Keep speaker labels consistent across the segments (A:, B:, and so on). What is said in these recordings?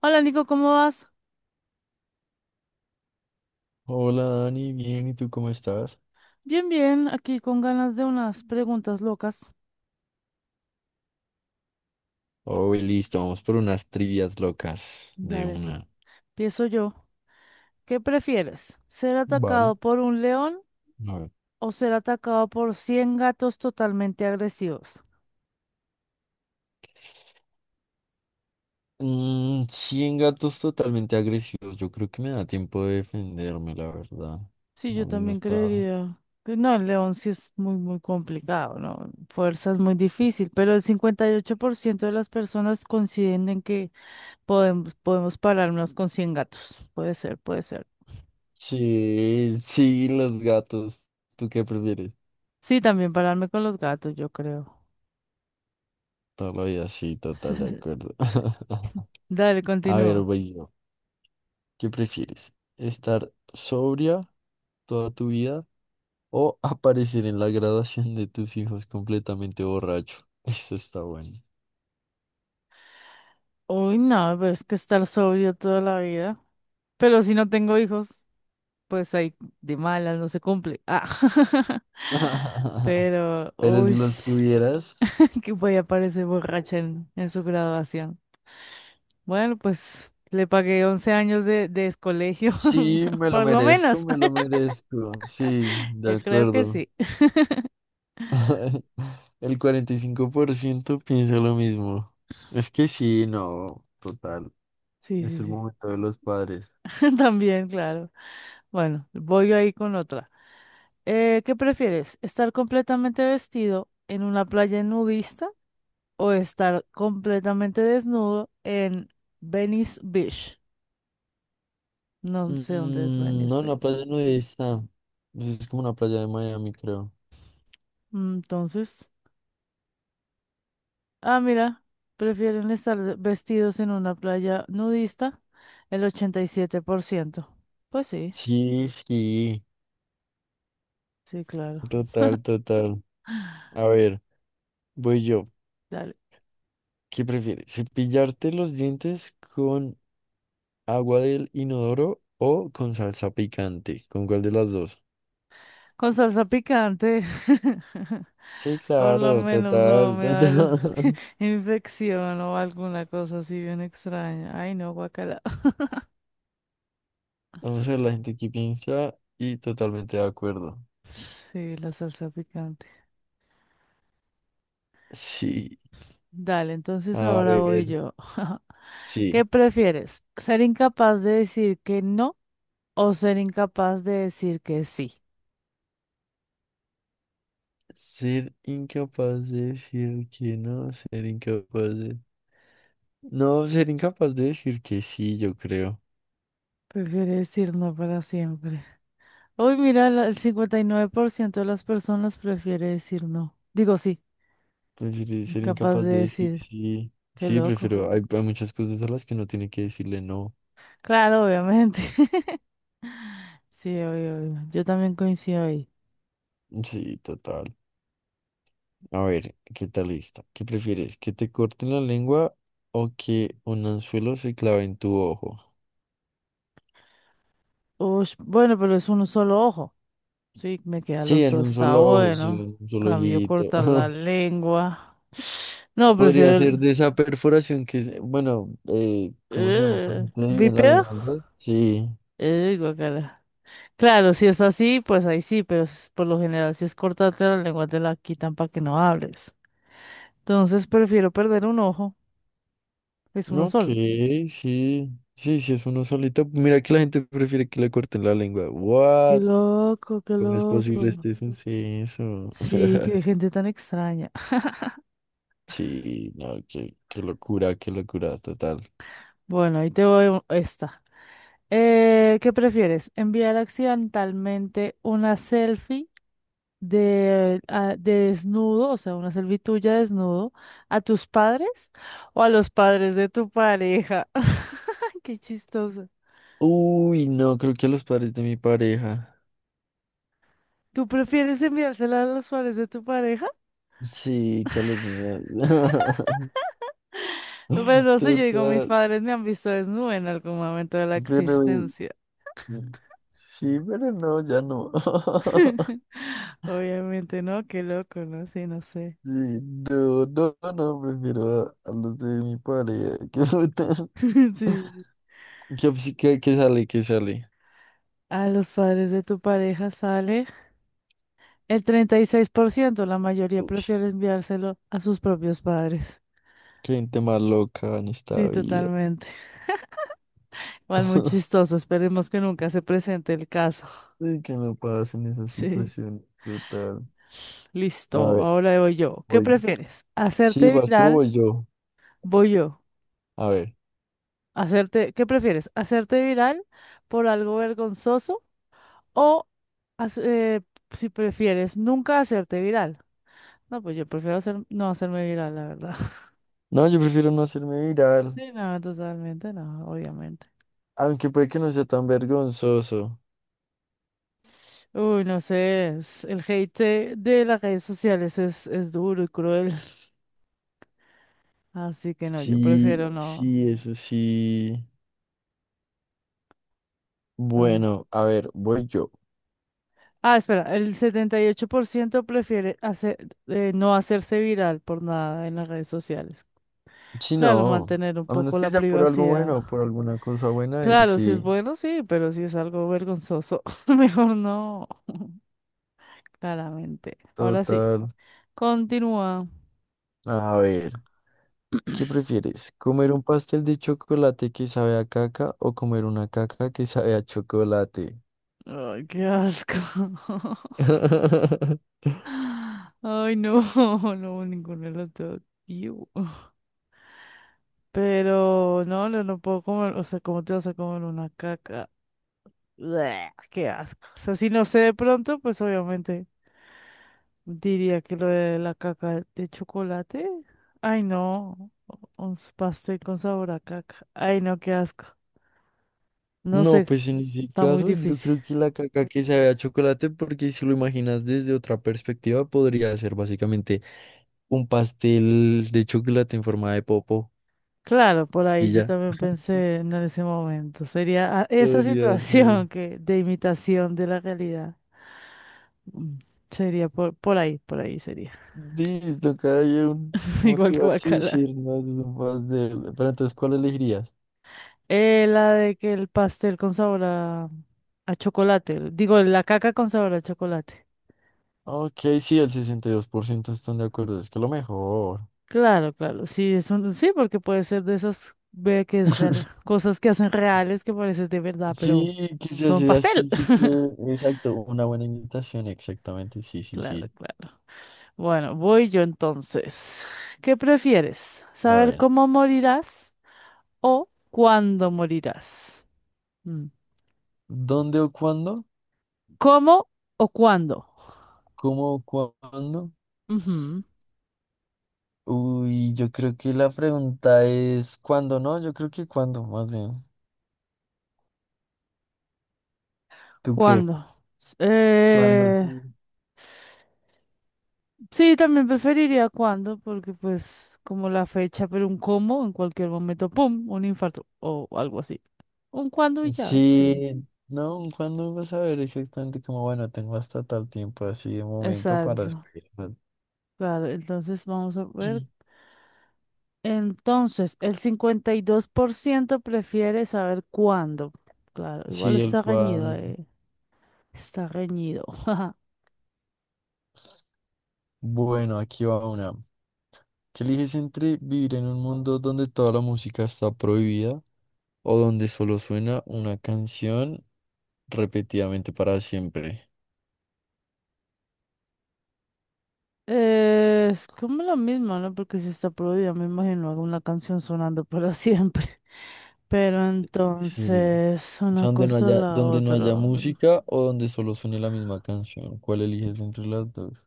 A: Hola Nico, ¿cómo vas?
B: Hola Dani, bien, ¿y tú cómo estás?
A: Bien, bien, aquí con ganas de unas preguntas locas.
B: Oh, listo, vamos por unas trivias locas de
A: Dale,
B: una.
A: empiezo yo. ¿Qué prefieres? ¿Ser
B: Vale.
A: atacado por un león
B: A ver.
A: o ser atacado por 100 gatos totalmente agresivos?
B: 100 gatos totalmente agresivos. Yo creo que me da tiempo de defenderme, la verdad.
A: Sí, yo
B: Algunos
A: también
B: para...
A: creería que no, el león sí es muy, muy complicado, ¿no? Fuerza es muy difícil, pero el 58% de las personas coinciden en que podemos pararnos con 100 gatos. Puede ser, puede ser.
B: Sí, sí, los gatos. ¿Tú qué prefieres?
A: Sí, también pararme con los gatos, yo creo.
B: Toda la vida, sí, total, de acuerdo.
A: Dale,
B: A ver,
A: continúa.
B: voy yo. ¿Qué prefieres? ¿Estar sobria toda tu vida o aparecer en la graduación de tus hijos completamente borracho? Eso está bueno.
A: Uy, no, pero es que estar sobrio toda la vida. Pero si no tengo hijos, pues ahí de malas no se cumple. Ah. Pero,
B: Pero si
A: uy,
B: los tuvieras,
A: que voy a parecer borracha en, su graduación. Bueno, pues le pagué 11 años de colegio,
B: sí, me lo
A: por lo
B: merezco,
A: menos.
B: me lo merezco. Sí, de
A: Yo creo que
B: acuerdo.
A: sí.
B: El 45% piensa lo mismo. Es que sí, no, total.
A: Sí,
B: Es
A: sí,
B: el
A: sí.
B: momento de los padres.
A: También, claro. Bueno, voy ahí con otra. ¿Qué prefieres? ¿Estar completamente vestido en una playa nudista o estar completamente desnudo en Venice Beach? No sé dónde es Venice
B: No, en la
A: Beach.
B: playa nudista. Pues es como una playa de Miami, creo.
A: Entonces, ah, mira, prefieren estar vestidos en una playa nudista el 87%. Pues sí,
B: Sí, sí,
A: sí, claro.
B: total, total. A ver. Voy yo.
A: Dale.
B: ¿Qué prefieres? ¿Cepillarte los dientes con agua del inodoro o con salsa picante? ¿Con cuál de las dos?
A: Con salsa picante.
B: Sí,
A: Por lo
B: claro,
A: menos no
B: total,
A: me va a dar
B: total.
A: infección o alguna cosa así bien extraña. Ay, no, guacala.
B: Vamos a ver la gente que piensa y totalmente de acuerdo.
A: Sí, la salsa picante.
B: Sí,
A: Dale, entonces
B: a
A: ahora voy
B: ver,
A: yo. ¿Qué
B: sí.
A: prefieres? ¿Ser incapaz de decir que no o ser incapaz de decir que sí?
B: Ser incapaz de decir que no, ser incapaz de... No, ser incapaz de decir que sí, yo creo.
A: Prefiere decir no para siempre. Hoy mira, el 59% de las personas prefiere decir no. Digo sí,
B: Prefiero ser
A: incapaz
B: incapaz
A: de
B: de decir
A: decir.
B: sí.
A: Qué
B: Sí,
A: loco.
B: prefiero. Hay muchas cosas a las que no tiene que decirle no.
A: Claro, obviamente. Sí, obvio, obvio. Yo también coincido ahí.
B: Sí, total. A ver, ¿qué tal lista? ¿Qué prefieres? ¿Que te corten la lengua o que un anzuelo se clave en tu ojo?
A: Ush, bueno, pero es un solo ojo. Sí, me queda el
B: Sí,
A: otro,
B: en un
A: está
B: solo ojo, sí,
A: bueno.
B: en un solo
A: Cambio
B: ojito.
A: cortar la lengua. No, prefiero
B: Podría ser
A: el.
B: de esa perforación que es, bueno, ¿cómo se llama? Cuando te dividen la
A: ¿Bípedo?
B: lengua en dos. Sí.
A: Guacala. Claro, si es así, pues ahí sí, pero por lo general, si es cortarte la lengua, te la quitan para que no hables. Entonces prefiero perder un ojo, es uno
B: No, ok,
A: solo.
B: sí. Sí, sí, es uno solito. Mira que la gente prefiere que le corten la lengua.
A: Qué
B: What?
A: loco, qué
B: ¿Cómo es posible
A: loco.
B: este suceso?
A: Sí, qué gente tan extraña.
B: Sí, no, qué, qué locura, total.
A: Bueno, ahí te voy esta. ¿Qué prefieres? ¿Enviar accidentalmente una selfie de, de desnudo, o sea, una servitud ya desnudo, a tus padres o a los padres de tu pareja? Qué chistoso.
B: Uy, no, creo que a los padres de mi pareja.
A: ¿Tú prefieres enviársela a los padres de tu pareja?
B: Sí, que a los míos.
A: Pues no sé, yo digo, mis
B: Total.
A: padres me han visto desnuda en algún momento de la
B: Pero
A: existencia.
B: sí, pero no, ya no.
A: Obviamente, ¿no? Qué loco, ¿no? Sí, no sé.
B: Sí, no, no, no, prefiero a los de mi pareja. Qué
A: Sí, sí.
B: ¿Qué, qué- qué sale? ¿Qué sale?
A: A los padres de tu pareja sale. El 36%, la mayoría
B: Uy,
A: prefiere enviárselo a sus propios padres.
B: qué gente más loca en
A: Sí,
B: esta vida.
A: totalmente. Igual muy chistoso. Esperemos que nunca se presente el caso.
B: Sí, que me pasa en esa
A: Sí,
B: situación brutal. A Mm,
A: listo.
B: ver,
A: Ahora voy yo. ¿Qué
B: voy.
A: prefieres?
B: Sí,
A: ¿Hacerte
B: vas tú, o
A: viral?
B: voy yo.
A: Voy yo.
B: A ver.
A: ¿Qué prefieres? ¿Hacerte viral por algo vergonzoso o hac- eh, si prefieres nunca hacerte viral? No, pues yo prefiero no hacerme viral, la verdad.
B: No, yo prefiero no hacerme viral.
A: Sí, no, totalmente no, obviamente.
B: Aunque puede que no sea tan vergonzoso.
A: Uy, no sé, el hate de las redes sociales es duro y cruel, así que no, yo prefiero
B: Sí,
A: no.
B: sí, eso sí.
A: No.
B: Bueno, a ver, voy yo.
A: Ah, espera, el 78% prefiere no hacerse viral por nada en las redes sociales.
B: Sí,
A: Claro,
B: no.
A: mantener un
B: A menos
A: poco
B: que
A: la
B: sea por algo
A: privacidad.
B: bueno, por alguna cosa buena, y
A: Claro, si es
B: sí.
A: bueno, sí, pero si es algo vergonzoso, mejor no, claramente. Ahora sí,
B: Total.
A: continúa.
B: A ver, ¿qué prefieres? ¿Comer un pastel de chocolate que sabe a caca o comer una caca que sabe a chocolate?
A: Ay, qué asco. Ay, no, no, ninguno de los dos. Iu. Pero no, no, no puedo comer, o sea, ¿cómo te vas a comer una caca? Bleh, qué asco. O sea, si no sé de pronto, pues obviamente diría que lo de la caca de chocolate. Ay, no, un pastel con sabor a caca. Ay, no, qué asco. No
B: No,
A: sé,
B: pues en ese
A: está muy
B: caso yo
A: difícil.
B: creo que la caca que sabe a chocolate, porque si lo imaginas desde otra perspectiva, podría ser básicamente un pastel de chocolate en forma de popo
A: Claro, por ahí
B: y
A: yo
B: ya.
A: también pensé en ese momento. Sería ah, esa
B: Podría ser.
A: situación que de imitación de la realidad. Mm, Sería por ahí, por ahí sería.
B: Listo, cara, yo un-
A: Igual que
B: motivarse y
A: guacala.
B: decir más de un pastel. Pero entonces, ¿cuál elegirías?
A: La de que el pastel con sabor a chocolate. Digo, la caca con sabor a chocolate.
B: Ok, sí, el 62% están de acuerdo, es que lo mejor.
A: Claro, claro. Sí, sí, porque puede ser de esas ve que es real, cosas que hacen reales que pareces de verdad, pero
B: Sí, que se
A: son
B: hace
A: pastel.
B: así súper, exacto, una buena imitación, exactamente, sí, sí,
A: Claro,
B: sí.
A: claro. Bueno, voy yo entonces. ¿Qué prefieres?
B: A
A: ¿Saber
B: ver.
A: cómo morirás o cuándo morirás? Mm.
B: ¿Dónde o cuándo?
A: ¿Cómo o cuándo?
B: ¿Cómo o cuándo?
A: Ujú.
B: Uy, yo creo que la pregunta es ¿cuándo, no? Yo creo que cuándo, más bien. ¿Tú qué?
A: ¿Cuándo? S-
B: ¿Cuándo?
A: Eh...
B: Sí.
A: Sí, también preferiría cuándo, porque pues como la fecha, pero un cómo, en cualquier momento, ¡pum!, un infarto o algo así. Un cuándo y ya, sí.
B: Sí, no, ¿cuándo vas a ver exactamente como, bueno, tengo hasta tal tiempo así de momento para
A: Exacto.
B: esperar?
A: Claro, entonces vamos a ver. Entonces, el 52% prefiere saber cuándo. Claro, igual
B: Sí, el
A: está reñido,
B: cuándo.
A: eh, Está reñido.
B: Bueno, aquí va una. ¿Qué eliges entre vivir en un mundo donde toda la música está prohibida o donde solo suena una canción repetidamente para siempre?
A: Es como lo mismo, ¿no? Porque si está prohibida, me imagino alguna canción sonando para siempre. Pero
B: Sí.
A: entonces,
B: O
A: una
B: sea,
A: cosa o la
B: donde no
A: otra.
B: haya
A: Mm.
B: música o donde solo suene la misma canción. ¿Cuál eliges entre las dos?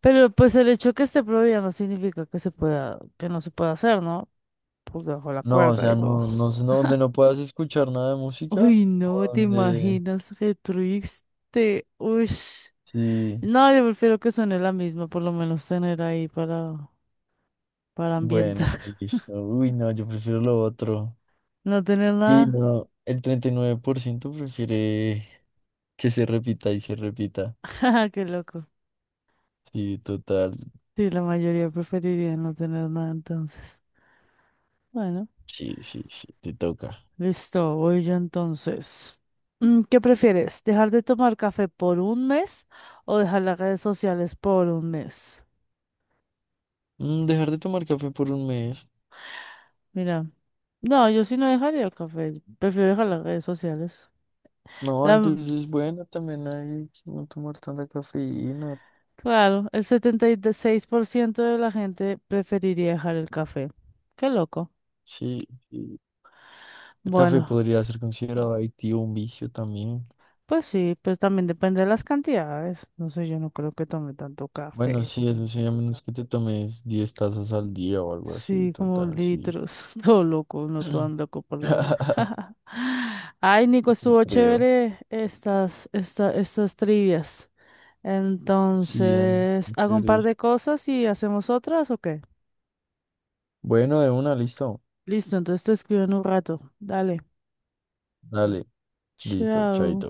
A: Pero pues el hecho que esté prohibida no significa que se pueda, que no se pueda hacer, ¿no? Pues bajo la
B: No, o
A: cuerda,
B: sea,
A: digo.
B: no, no, sé, no, donde no puedas escuchar nada de música
A: Uy,
B: o
A: no, te
B: donde...
A: imaginas, qué triste. Uy.
B: Sí,
A: No, yo prefiero que suene la misma, por lo menos tener ahí para
B: bueno,
A: ambientar.
B: listo. Uy, no, yo prefiero lo otro.
A: No tener
B: Y
A: nada.
B: no, el 39% prefiere que se repita y se repita.
A: Qué loco.
B: Sí, total.
A: Sí, la mayoría preferiría no tener nada entonces. Bueno,
B: Sí, sí, sí, te toca.
A: listo, voy yo entonces. ¿Qué prefieres? ¿Dejar de tomar café por un mes o dejar las redes sociales por un mes?
B: Dejar de tomar café por un mes.
A: Mira, no, yo sí no dejaría el café, prefiero dejar las redes sociales.
B: No,
A: La-
B: antes es bueno también hay que no tomar tanta cafeína.
A: claro, el 76% de la gente preferiría dejar el café. Qué loco.
B: Sí, sí. El café
A: Bueno,
B: podría ser considerado adictivo, un vicio también.
A: pues sí, pues también depende de las cantidades. No sé, yo no creo que tome tanto
B: Bueno,
A: café.
B: sí, eso sí, a menos que te tomes 10 tazas al día o algo así,
A: Sí, como
B: total, sí.
A: litros. Todo loco, no todo loco por la vida. Ay, Nico,
B: Sí,
A: estuvo
B: creo.
A: chévere estas, esta, estas trivias.
B: Sí, Dani,
A: Entonces,
B: muy
A: hago un
B: chévere.
A: par de cosas y hacemos otras, ¿o qué?
B: Bueno, de una, listo.
A: Listo, entonces te escribo en un rato. Dale.
B: Dale, listo,
A: Chao.
B: chaito.